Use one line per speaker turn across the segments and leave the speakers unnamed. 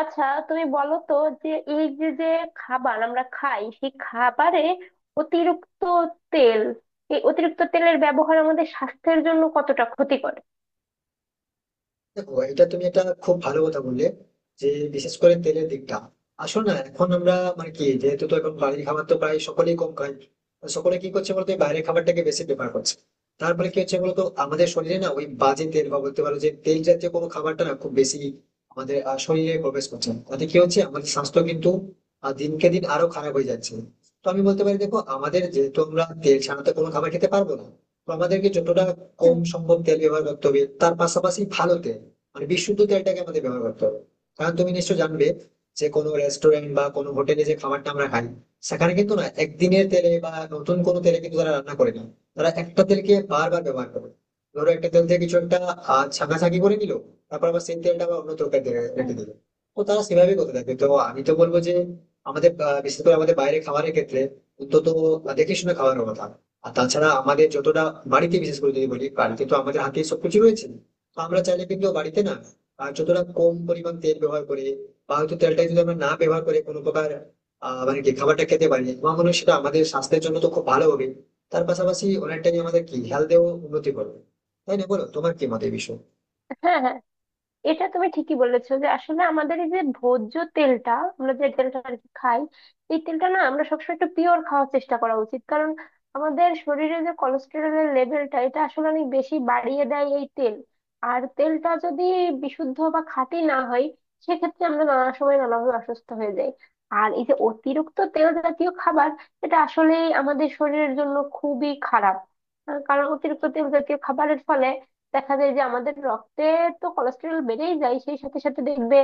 আচ্ছা, তুমি বলো তো, যে এই যে যে খাবার আমরা খাই, সেই খাবারে অতিরিক্ত তেল, এই অতিরিক্ত তেলের ব্যবহার আমাদের স্বাস্থ্যের জন্য কতটা ক্ষতিকর?
দেখো, এটা তুমি একটা খুব ভালো কথা বললে যে বিশেষ করে তেলের দিকটা আসলে না এখন আমরা মানে কি যেহেতু তো এখন বাড়ির খাবার তো প্রায় সকলেই কম খায়। তো সকলে কি করছে বলতো, এই বাইরের খাবারটাকে বেশি প্রেফার করছে। তারপরে কি হচ্ছে বলতো, আমাদের শরীরে না ওই বাজে তেল বা বলতে পারো যে তেল জাতীয় কোনো খাবারটা না খুব বেশি আমাদের শরীরে প্রবেশ করছে, তাতে কি হচ্ছে আমাদের স্বাস্থ্য কিন্তু দিনকে দিন আরো খারাপ হয়ে যাচ্ছে। তো আমি বলতে পারি, দেখো আমাদের যেহেতু আমরা তেল ছাড়া তো কোনো খাবার খেতে পারবো না, তো আমাদেরকে যতটা কম
হুম,
সম্ভব তেল ব্যবহার করতে হবে, তার পাশাপাশি ভালো তেল মানে বিশুদ্ধ তেলটাকে আমাদের ব্যবহার করতে হবে। কারণ তুমি নিশ্চয় জানবে যে কোনো রেস্টুরেন্ট বা কোনো হোটেলে যে খাবারটা আমরা খাই, সেখানে কিন্তু না একদিনের তেলে বা নতুন কোনো তেলে কিন্তু তারা রান্না করে না। তারা একটা তেলকে বারবার ব্যবহার করে। ধরো একটা তেল থেকে কিছু একটা ছাঁকাছাঁকি করে নিল, তারপর আবার সেই তেলটা আবার অন্য তরকারি
হুম।
রেখে দিল। তো তারা সেভাবেই করতে থাকে। তো আমি তো বলবো যে আমাদের বিশেষ করে আমাদের বাইরে খাবারের ক্ষেত্রে অন্তত দেখে শুনে খাওয়ার কথা। আর তাছাড়া আমাদের যতটা বাড়িতে, বিশেষ করে যদি বলি বাড়িতে তো আমাদের হাতে সবকিছু রয়েছে, তো আমরা চাইলে কিন্তু বাড়িতে না আর যতটা কম পরিমাণ তেল ব্যবহার করে বা হয়তো তেলটা যদি আমরা না ব্যবহার করে কোনো প্রকার আহ মানে কি খাবারটা খেতে পারি, আমার মনে হয় সেটা আমাদের স্বাস্থ্যের জন্য তো খুব ভালো হবে। তার পাশাপাশি অনেকটাই আমাদের কি হেলথেও উন্নতি করবে। তাই না, বলো তোমার কি মত এই বিষয়ে।
হ্যাঁ, হ্যাঁ, এটা তুমি ঠিকই বলেছো যে আসলে আমাদের এই যে ভোজ্য তেলটা, আমরা যে তেলটা আর কি খাই, এই তেলটা না আমরা সবসময় একটু পিওর খাওয়ার চেষ্টা করা উচিত। কারণ আমাদের শরীরে যে কোলেস্টেরলের লেভেলটা, এটা আসলে অনেক বেশি বাড়িয়ে দেয় এই তেল। আর তেলটা যদি বিশুদ্ধ বা খাঁটি না হয়, সেক্ষেত্রে আমরা নানা সময় নানাভাবে অসুস্থ হয়ে যাই। আর এই যে অতিরিক্ত তেল জাতীয় খাবার, এটা আসলে আমাদের শরীরের জন্য খুবই খারাপ। কারণ অতিরিক্ত তেল জাতীয় খাবারের ফলে দেখা যায় যে আমাদের রক্তে তো কোলেস্টেরল বেড়েই যায়। সেই সাথে সাথে দেখবে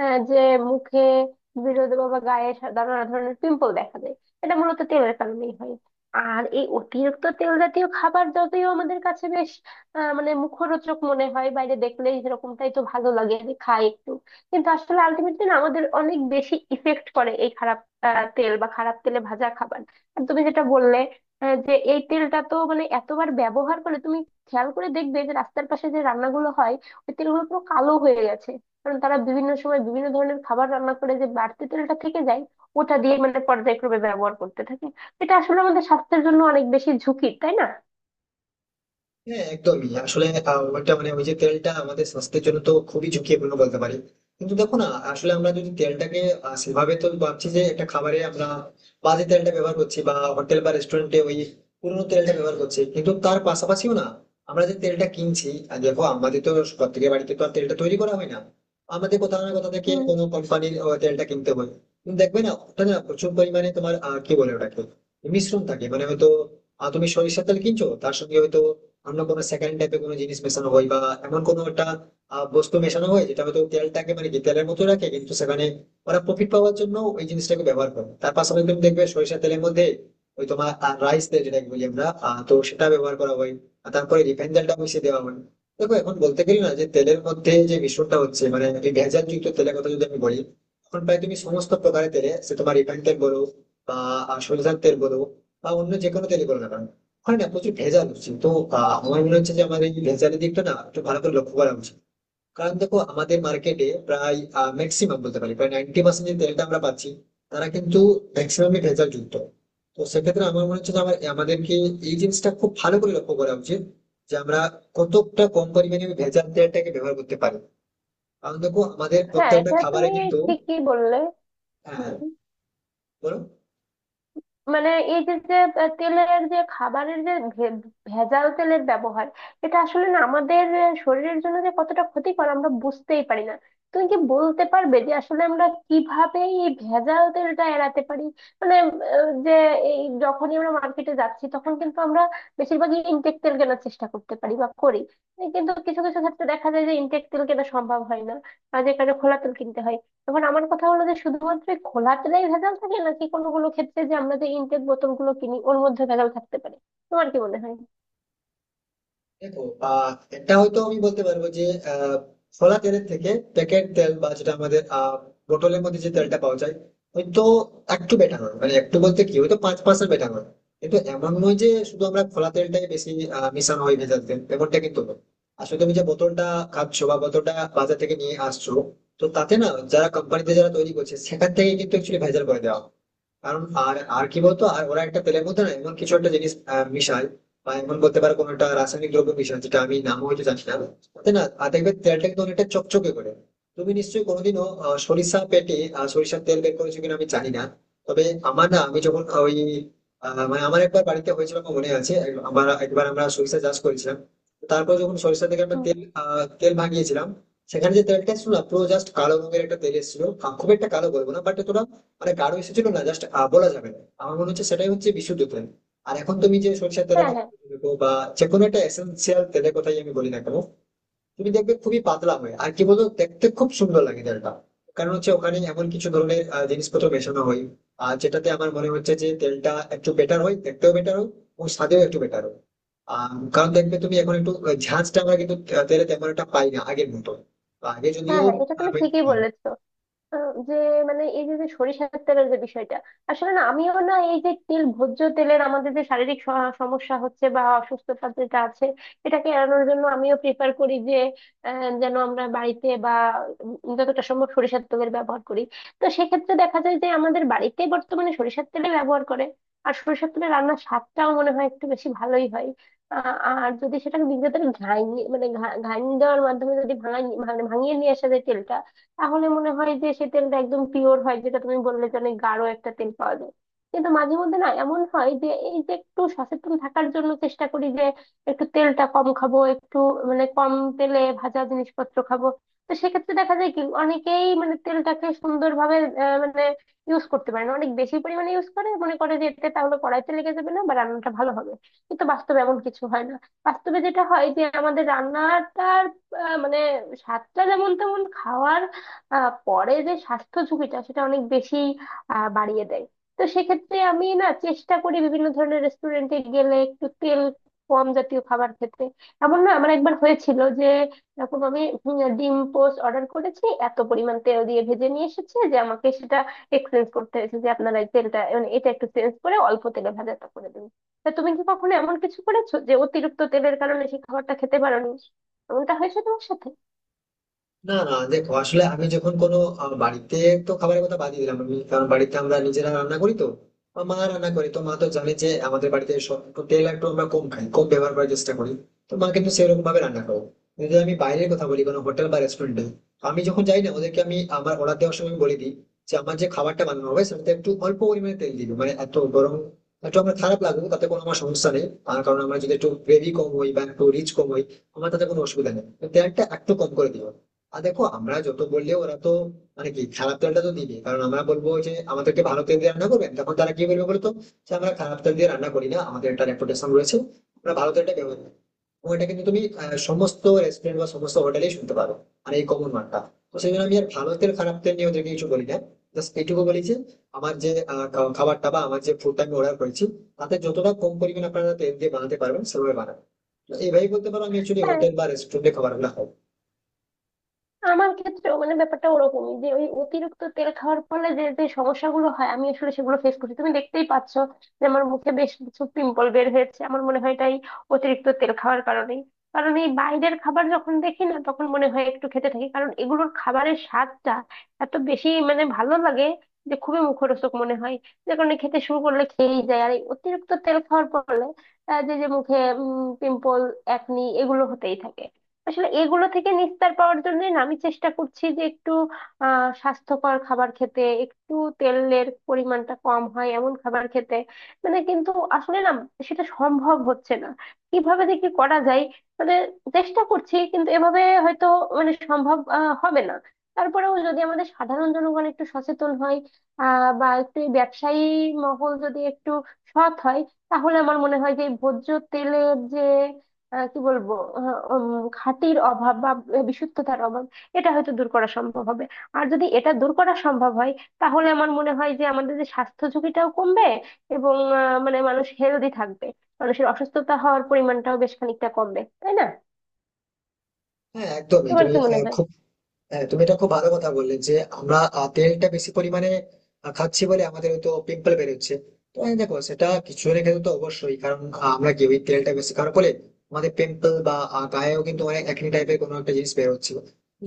যে মুখে, বিরোধে বা গায়ে নানা ধরনের পিম্পল দেখা যায়। এটা মূলত তেলের কারণেই হয়। আর এই অতিরিক্ত তেল জাতীয় খাবার যদিও আমাদের কাছে বেশ মানে মুখরোচক মনে হয়, বাইরে দেখলেই সেরকমটাই তো ভালো লাগে যে খাই একটু, কিন্তু আসলে আলটিমেটলি না আমাদের অনেক বেশি ইফেক্ট করে এই খারাপ তেল বা খারাপ তেলে ভাজা খাবার। আর তুমি যেটা বললে যে এই তেলটা তো মানে এতবার ব্যবহার করে, তুমি খেয়াল করে দেখবে যে রাস্তার পাশে যে রান্নাগুলো হয়, ওই তেলগুলো পুরো কালো হয়ে গেছে। কারণ তারা বিভিন্ন সময় বিভিন্ন ধরনের খাবার রান্না করে, যে বাড়তি তেলটা থেকে যায়, ওটা দিয়ে মানে পর্যায়ক্রমে ব্যবহার করতে থাকে। এটা আসলে আমাদের স্বাস্থ্যের জন্য অনেক বেশি ঝুঁকি, তাই না?
হ্যাঁ, একদমই। আসলে ওইটা মানে ওই যে তেলটা আমাদের স্বাস্থ্যের জন্য তো খুবই ঝুঁকিপূর্ণ বলতে পারি। কিন্তু দেখো না, আসলে আমরা যদি তেলটাকে সেভাবে তো ভাবছি যে একটা খাবারে আমরা বাজে তেলটা ব্যবহার করছি বা হোটেল বা রেস্টুরেন্টে ওই পুরোনো তেলটা ব্যবহার করছি, কিন্তু তার পাশাপাশিও না আমরা যে তেলটা কিনছি, আর দেখো আমাদের তো প্রত্যেকের বাড়িতে তো আর তেলটা তৈরি করা হয় না, আমাদের কোথাও না কোথাও থেকে
হুম।
কোনো কোম্পানির তেলটা কিনতে হয়। কিন্তু দেখবে না ওটা না প্রচুর পরিমাণে তোমার কি বলে ওটাকে, মিশ্রণ থাকে। মানে হয়তো তুমি সরিষার তেল কিনছো, তার সঙ্গে হয়তো অন্য কোনো সেকেন্ড টাইপের কোনো জিনিস মেশানো হয় বা এমন কোনো একটা বস্তু মেশানো হয় যেটা হয়তো তেলটাকে মানে কি তেলের মতো রাখে, কিন্তু সেখানে ওরা প্রফিট পাওয়ার জন্য ওই জিনিসটাকে ব্যবহার করে। তার পাশাপাশি তুমি দেখবে সরিষা তেলের মধ্যে ওই তোমার রাইস তেল যেটাকে বলি আমরা, তো সেটা ব্যবহার করা হয়, আর তারপরে রিফাইন তেলটা মিশিয়ে দেওয়া হয়। দেখো এখন বলতে গেলে না যে তেলের মধ্যে যে মিশ্রণটা হচ্ছে, মানে এই ভেজাল যুক্ত তেলের কথা যদি আমি বলি, এখন প্রায় তুমি সমস্ত প্রকারের তেলে, সে তোমার রিফাইন তেল বলো বা সরিষার তেল বলো বা অন্য যে কোনো তেলই বলো না কেন, ওখানে না প্রচুর ভেজাল হচ্ছে। তো আমার মনে হচ্ছে যে আমাদের এই ভেজালের দিকটা না একটু ভালো করে লক্ষ্য করা উচিত। কারণ দেখো আমাদের মার্কেটে প্রায় ম্যাক্সিমাম বলতে পারি প্রায় 90% যে তেলটা আমরা পাচ্ছি, তারা কিন্তু ম্যাক্সিমামই ভেজাল যুক্ত। তো সেক্ষেত্রে আমার মনে হচ্ছে যে আমাদেরকে এই জিনিসটা খুব ভালো করে লক্ষ্য করা উচিত যে আমরা কতটা কম পরিমাণে ওই ভেজাল তেলটাকে ব্যবহার করতে পারি। কারণ দেখো আমাদের
হ্যাঁ,
প্রত্যেকটা
এটা
খাবারে
তুমি
কিন্তু
ঠিকই বললে।
হ্যাঁ,
হুম।
বলো।
মানে এই যে যে তেলের যে, খাবারের যে, ভেজাল তেলের ব্যবহার, এটা আসলে না আমাদের শরীরের জন্য যে কতটা ক্ষতিকর, আমরা বুঝতেই পারি না। তুমি কি বলতে পারবে যে আসলে আমরা কিভাবে এই ভেজাল তেলটা এড়াতে পারি? মানে যে এই যখনই আমরা মার্কেটে যাচ্ছি, তখন কিন্তু আমরা বেশিরভাগই ইনটেক তেল কেনার চেষ্টা করতে পারি বা করি। কিন্তু কিছু কিছু ক্ষেত্রে দেখা যায় যে ইনটেক তেল কেনা সম্ভব হয় না, আর যে কারণে খোলা তেল কিনতে হয়। এবার আমার কথা হলো যে শুধুমাত্র এই খোলা তেলেই ভেজাল থাকে, নাকি কোনো কোনো ক্ষেত্রে যে আমরা যে ইনটেক বোতল গুলো কিনি ওর মধ্যে ভেজাল থাকতে পারে? তোমার কি মনে হয়?
দেখো, আহ এটা হয়তো আমি বলতে পারবো যে আহ ফলা তেলের থেকে প্যাকেট তেল বা যেটা আমাদের বোতলের মধ্যে যে তেলটা পাওয়া যায়, হয়তো একটু বেটার হয়। মানে একটু বলতে কি, হয়তো 5% বেটার হয়। কিন্তু এমন নয় যে শুধু আমরা ফলা তেলটাই বেশি মিশানো হয় ভেজাল তেল, এমনটা কিন্তু নয়। আসলে তুমি যে বোতলটা খাচ্ছো বা বোতলটা বাজার থেকে নিয়ে আসছো, তো তাতে না যারা কোম্পানিতে যারা তৈরি করছে সেখান থেকে কিন্তু একচুয়ালি ভেজাল করে দেওয়া হয়। কারণ আর আর কি বলতো, আর ওরা একটা তেলের মধ্যে না এমন কিছু একটা জিনিস মিশায় বা এমন বলতে পারো কোনো একটা রাসায়নিক দ্রব্য মিশায় যেটা আমি নামও হয়তো জানি না। তাই না? আর দেখবে তেলটা কিন্তু অনেকটা চকচকে করে। তুমি নিশ্চয়ই কোনোদিনও সরিষার তেল বের করেছো কিনা আমি জানি না। তবে আমার না, আমি যখন ওই মানে আমার একবার বাড়িতে হয়েছিল, আমার মনে আছে, আমার একবার আমরা সরিষা চাষ করেছিলাম। তারপর যখন সরিষা থেকে আমরা
হুম,
তেল ভাঙিয়েছিলাম, সেখানে যে তেলটা ছিল না, পুরো জাস্ট কালো রঙের একটা তেল এসেছিল। খুব একটা কালো বলবো না, বাট এতটা মানে গাঢ় এসেছিল না। জাস্ট বলা যাবে না, আমার মনে হচ্ছে সেটাই হচ্ছে বিশুদ্ধ তেল। আর এখন তুমি যে সরিষার তেলের
হ্যাঁ,
কথা
হ্যাঁ।
বলছো বা যে কোনো একটা এসেন্সিয়াল তেলের কথাই আমি বলি না কেন, তুমি দেখবে খুবই পাতলা হয়। আর কি বলতো, দেখতে খুব সুন্দর লাগে তেলটা। কারণ হচ্ছে ওখানে এমন কিছু ধরনের জিনিসপত্র মেশানো হয়, আর যেটাতে আমার মনে হচ্ছে যে তেলটা একটু বেটার হয়, দেখতেও বেটার হয়, ও স্বাদেও একটু বেটার হয়। কারণ দেখবে তুমি এখন একটু ঝাঁঝটা আমরা কিন্তু তেলে তেমন একটা পাই না আগের মতো। আগে
হ্যাঁ,
যদিও
হ্যাঁ, এটা তুমি ঠিকই
হ্যাঁ।
বলেছ। যে, মানে এই যে যে সরিষার তেলের যে বিষয়টা, আসলে না আমিও না এই যে তেল, ভোজ্য তেলের আমাদের যে শারীরিক সমস্যা হচ্ছে বা অসুস্থতা যেটা আছে, এটাকে এড়ানোর জন্য আমিও প্রিফার করি যে যেন আমরা বাড়িতে বা যতটা সম্ভব সরিষার তেলের ব্যবহার করি। তো সেক্ষেত্রে দেখা যায় যে আমাদের বাড়িতে বর্তমানে সরিষার তেলে ব্যবহার করে। আর সরিষার তেলে রান্নার স্বাদটাও মনে হয় একটু বেশি ভালোই হয়। আ- আর যদি সেটাকে নিজেদের ঘাইনি মানে ঘাইনি দেওয়ার মাধ্যমে যদি ভাঙিয়ে নিয়ে আসা যায় তেলটা, তাহলে মনে হয় যে সে তেলটা একদম পিওর হয়, যেটা তুমি বললে যে অনেক গাঢ় একটা তেল পাওয়া যায়। কিন্তু মাঝে মধ্যে না এমন হয় যে এই যে একটু সচেতন থাকার জন্য চেষ্টা করি যে একটু তেলটা কম খাবো, একটু মানে কম তেলে ভাজা জিনিসপত্র খাবো। তো সেক্ষেত্রে দেখা যায় কি, অনেকেই মানে তেলটাকে সুন্দরভাবে মানে ইউজ করতে পারে না, অনেক বেশি পরিমাণে ইউজ করে, মনে করে যে এতে তাহলে কড়াইতে লেগে যাবে না বা রান্নাটা ভালো হবে। কিন্তু বাস্তবে এমন কিছু হয় না। বাস্তবে যেটা হয় যে আমাদের রান্নাটার মানে স্বাদটা যেমন তেমন, খাওয়ার পরে যে স্বাস্থ্য ঝুঁকিটা সেটা অনেক বেশি বাড়িয়ে দেয়। তো সেক্ষেত্রে আমি না চেষ্টা করি বিভিন্ন ধরনের রেস্টুরেন্টে গেলে একটু তেল কম জাতীয় খাবার খেতে। এমন না, আমার একবার হয়েছিল যে এরকম আমি ডিম পোস্ট অর্ডার করেছি, এত পরিমাণ তেল দিয়ে ভেজে নিয়ে এসেছে যে আমাকে সেটা এক্সচেঞ্জ করতে হয়েছে, যে আপনারা এই তেলটা মানে এটা একটু চেঞ্জ করে অল্প তেলে ভাজাটা করে দিন। তা তুমি কি কখনো এমন কিছু করেছো যে অতিরিক্ত তেলের কারণে সেই খাবারটা খেতে পারোনি? এমনটা হয়েছে তোমার সাথে?
না না, দেখো আসলে আমি যখন কোনো বাড়িতে তো খাবারের কথা বাদ দিলাম আমি, কারণ বাড়িতে আমরা নিজেরা রান্না করি, তো আমার মা রান্না করে, তো মা তো জানে যে আমাদের বাড়িতে সব একটু তেল একটু আমরা কম খাই, কম ব্যবহার করার চেষ্টা করি, তো মা কিন্তু সেরকম ভাবে রান্না করো। যদি আমি বাইরের কথা বলি, কোনো হোটেল বা রেস্টুরেন্টে আমি যখন যাই না, ওদেরকে আমি আমার অর্ডার দেওয়ার সময় আমি বলে দিই যে আমার যে খাবারটা বানানো হবে সেটাতে একটু অল্প পরিমাণে তেল দিবে, মানে এত গরম একটু আমার খারাপ লাগবে, তাতে কোনো আমার সমস্যা নেই। আর কারণ আমার যদি একটু গ্রেভি কম হয় বা একটু রিচ কম হয়, আমার তাতে কোনো অসুবিধা নেই, তেলটা একটু কম করে দিও। আর দেখো আমরা যত বললেও ওরা তো মানে কি খারাপ তেলটা তো দিবে। কারণ আমরা বলবো যে আমাদেরকে ভালো তেল দিয়ে রান্না করবেন, তখন তারা কি বলবে বলতো, যে আমরা খারাপ তেল দিয়ে রান্না করি না, আমাদের একটা রেপুটেশন রয়েছে, আমরা ভালো তেলটা ব্যবহার করি। এবং এটা কিন্তু তুমি সমস্ত রেস্টুরেন্ট বা সমস্ত হোটেলেই শুনতে পারো। আর এই কমন মানটা, তো সেই জন্য আমি আর ভালো তেল খারাপ তেল নিয়ে ওদেরকে কিছু বলি না। জাস্ট এইটুকু বলি যে আমার যে খাবারটা বা আমার যে ফুডটা আমি অর্ডার করেছি, তাতে যতটা কম পরিমাণ আপনারা তেল দিয়ে বানাতে পারবেন সেভাবে বানাবেন। তো এইভাবেই বলতে পারো আমি অ্যাকচুয়ালি
হ্যাঁ।
হোটেল বা রেস্টুরেন্টে খাবারগুলো খাই।
আমার ক্ষেত্রে মানে ব্যাপারটা ওরকমই, যে ওই অতিরিক্ত তেল খাওয়ার ফলে যে যে সমস্যাগুলো হয়, আমি আসলে সেগুলো ফেস করছি। তুমি দেখতেই পাচ্ছ যে আমার মুখে বেশ কিছু পিম্পল বের হয়েছে, আমার মনে হয় এটাই অতিরিক্ত তেল খাওয়ার কারণেই। কারণ এই বাইরের খাবার যখন দেখি না, তখন মনে হয় একটু খেতে থাকি, কারণ এগুলোর খাবারের স্বাদটা এত বেশি মানে ভালো লাগে যে খুবই মুখরোচক মনে হয়, যে কারণে খেতে শুরু করলে খেয়েই যায়। আর এই অতিরিক্ত তেল খাওয়ার ফলে যে যে মুখে পিম্পল, একনি, এগুলো হতেই থাকে। আসলে এগুলো থেকে নিস্তার পাওয়ার জন্য না আমি চেষ্টা করছি যে একটু স্বাস্থ্যকর খাবার খেতে, একটু তেলের পরিমাণটা কম হয় এমন খাবার খেতে। মানে কিন্তু আসলে না সেটা সম্ভব হচ্ছে না। কিভাবে যে কি করা যায়, মানে চেষ্টা করছি, কিন্তু এভাবে হয়তো মানে সম্ভব হবে না। তারপরেও যদি আমাদের সাধারণ জনগণ একটু সচেতন হয়, বা একটু এই ব্যবসায়ী মহল যদি একটু সৎ হয়, তাহলে আমার মনে হয় যে এই ভোজ্য তেলের যে আহ, কি বলবো আহ, উম, খাঁটির অভাব বা বিশুদ্ধতার অভাব, এটা হয়তো দূর করা সম্ভব হবে। আর যদি এটা দূর করা সম্ভব হয়, তাহলে আমার মনে হয় যে আমাদের যে স্বাস্থ্য ঝুঁকিটাও কমবে, এবং মানে মানুষ হেলদি থাকবে, মানুষের অসুস্থতা হওয়ার পরিমাণটাও বেশ খানিকটা কমবে, তাই না?
হ্যাঁ, একদমই
তোমার
তুমি
কি মনে
আহ,
হয়?
খুব হ্যাঁ, তুমি এটা খুব ভালো কথা বললে যে আমরা তেলটা বেশি পরিমাণে খাচ্ছি বলে আমাদের হয়তো পিম্পল বেরোচ্ছে। তো হ্যাঁ, দেখো সেটা কিছু জনের ক্ষেত্রে তো অবশ্যই। কারণ আমরা কি ওই তেলটা বেশি খাওয়ার ফলে আমাদের পিম্পল বা গায়েও কিন্তু অনেক একনি টাইপের কোনো একটা জিনিস বেরোচ্ছে।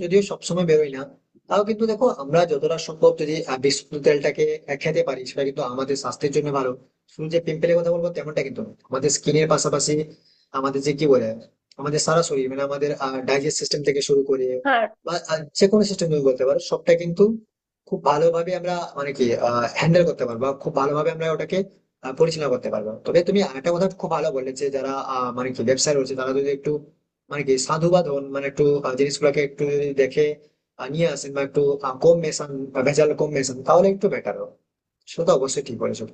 যদিও সবসময় বেরোয় না, তাও কিন্তু দেখো আমরা যতটা সম্ভব যদি বিশুদ্ধ তেলটাকে খেতে পারি, সেটা কিন্তু আমাদের স্বাস্থ্যের জন্য ভালো। শুধু যে পিম্পলের কথা বলবো তেমনটা কিন্তু নয়। আমাদের স্কিনের পাশাপাশি আমাদের যে কি বলে, আমাদের সারা শরীর, মানে আমাদের ডাইজেস্ট সিস্টেম থেকে শুরু করে
হ্যাঁ
বা যে কোনো সিস্টেম তুমি বলতে পারো। সবটা কিন্তু খুব ভালোভাবে আমরা মানে কি আ হ্যান্ডেল করতে পারবো। বা খুব ভালোভাবে আমরা ওটাকে পরিচালনা করতে পারবো। তবে তুমি আরেকটা কথা খুব ভালো বললে যে যারা মানে কি ব্যবসায় রয়েছে, তারা যদি একটু মানে কি সাধুবাদ হন, মানে একটু জিনিসগুলোকে একটু যদি দেখে নিয়ে আসেন বা একটু কম মেশান বা ভেজাল কম মেশান, তাহলে একটু বেটার হবে। সেটা তো অবশ্যই ঠিক বলেছো।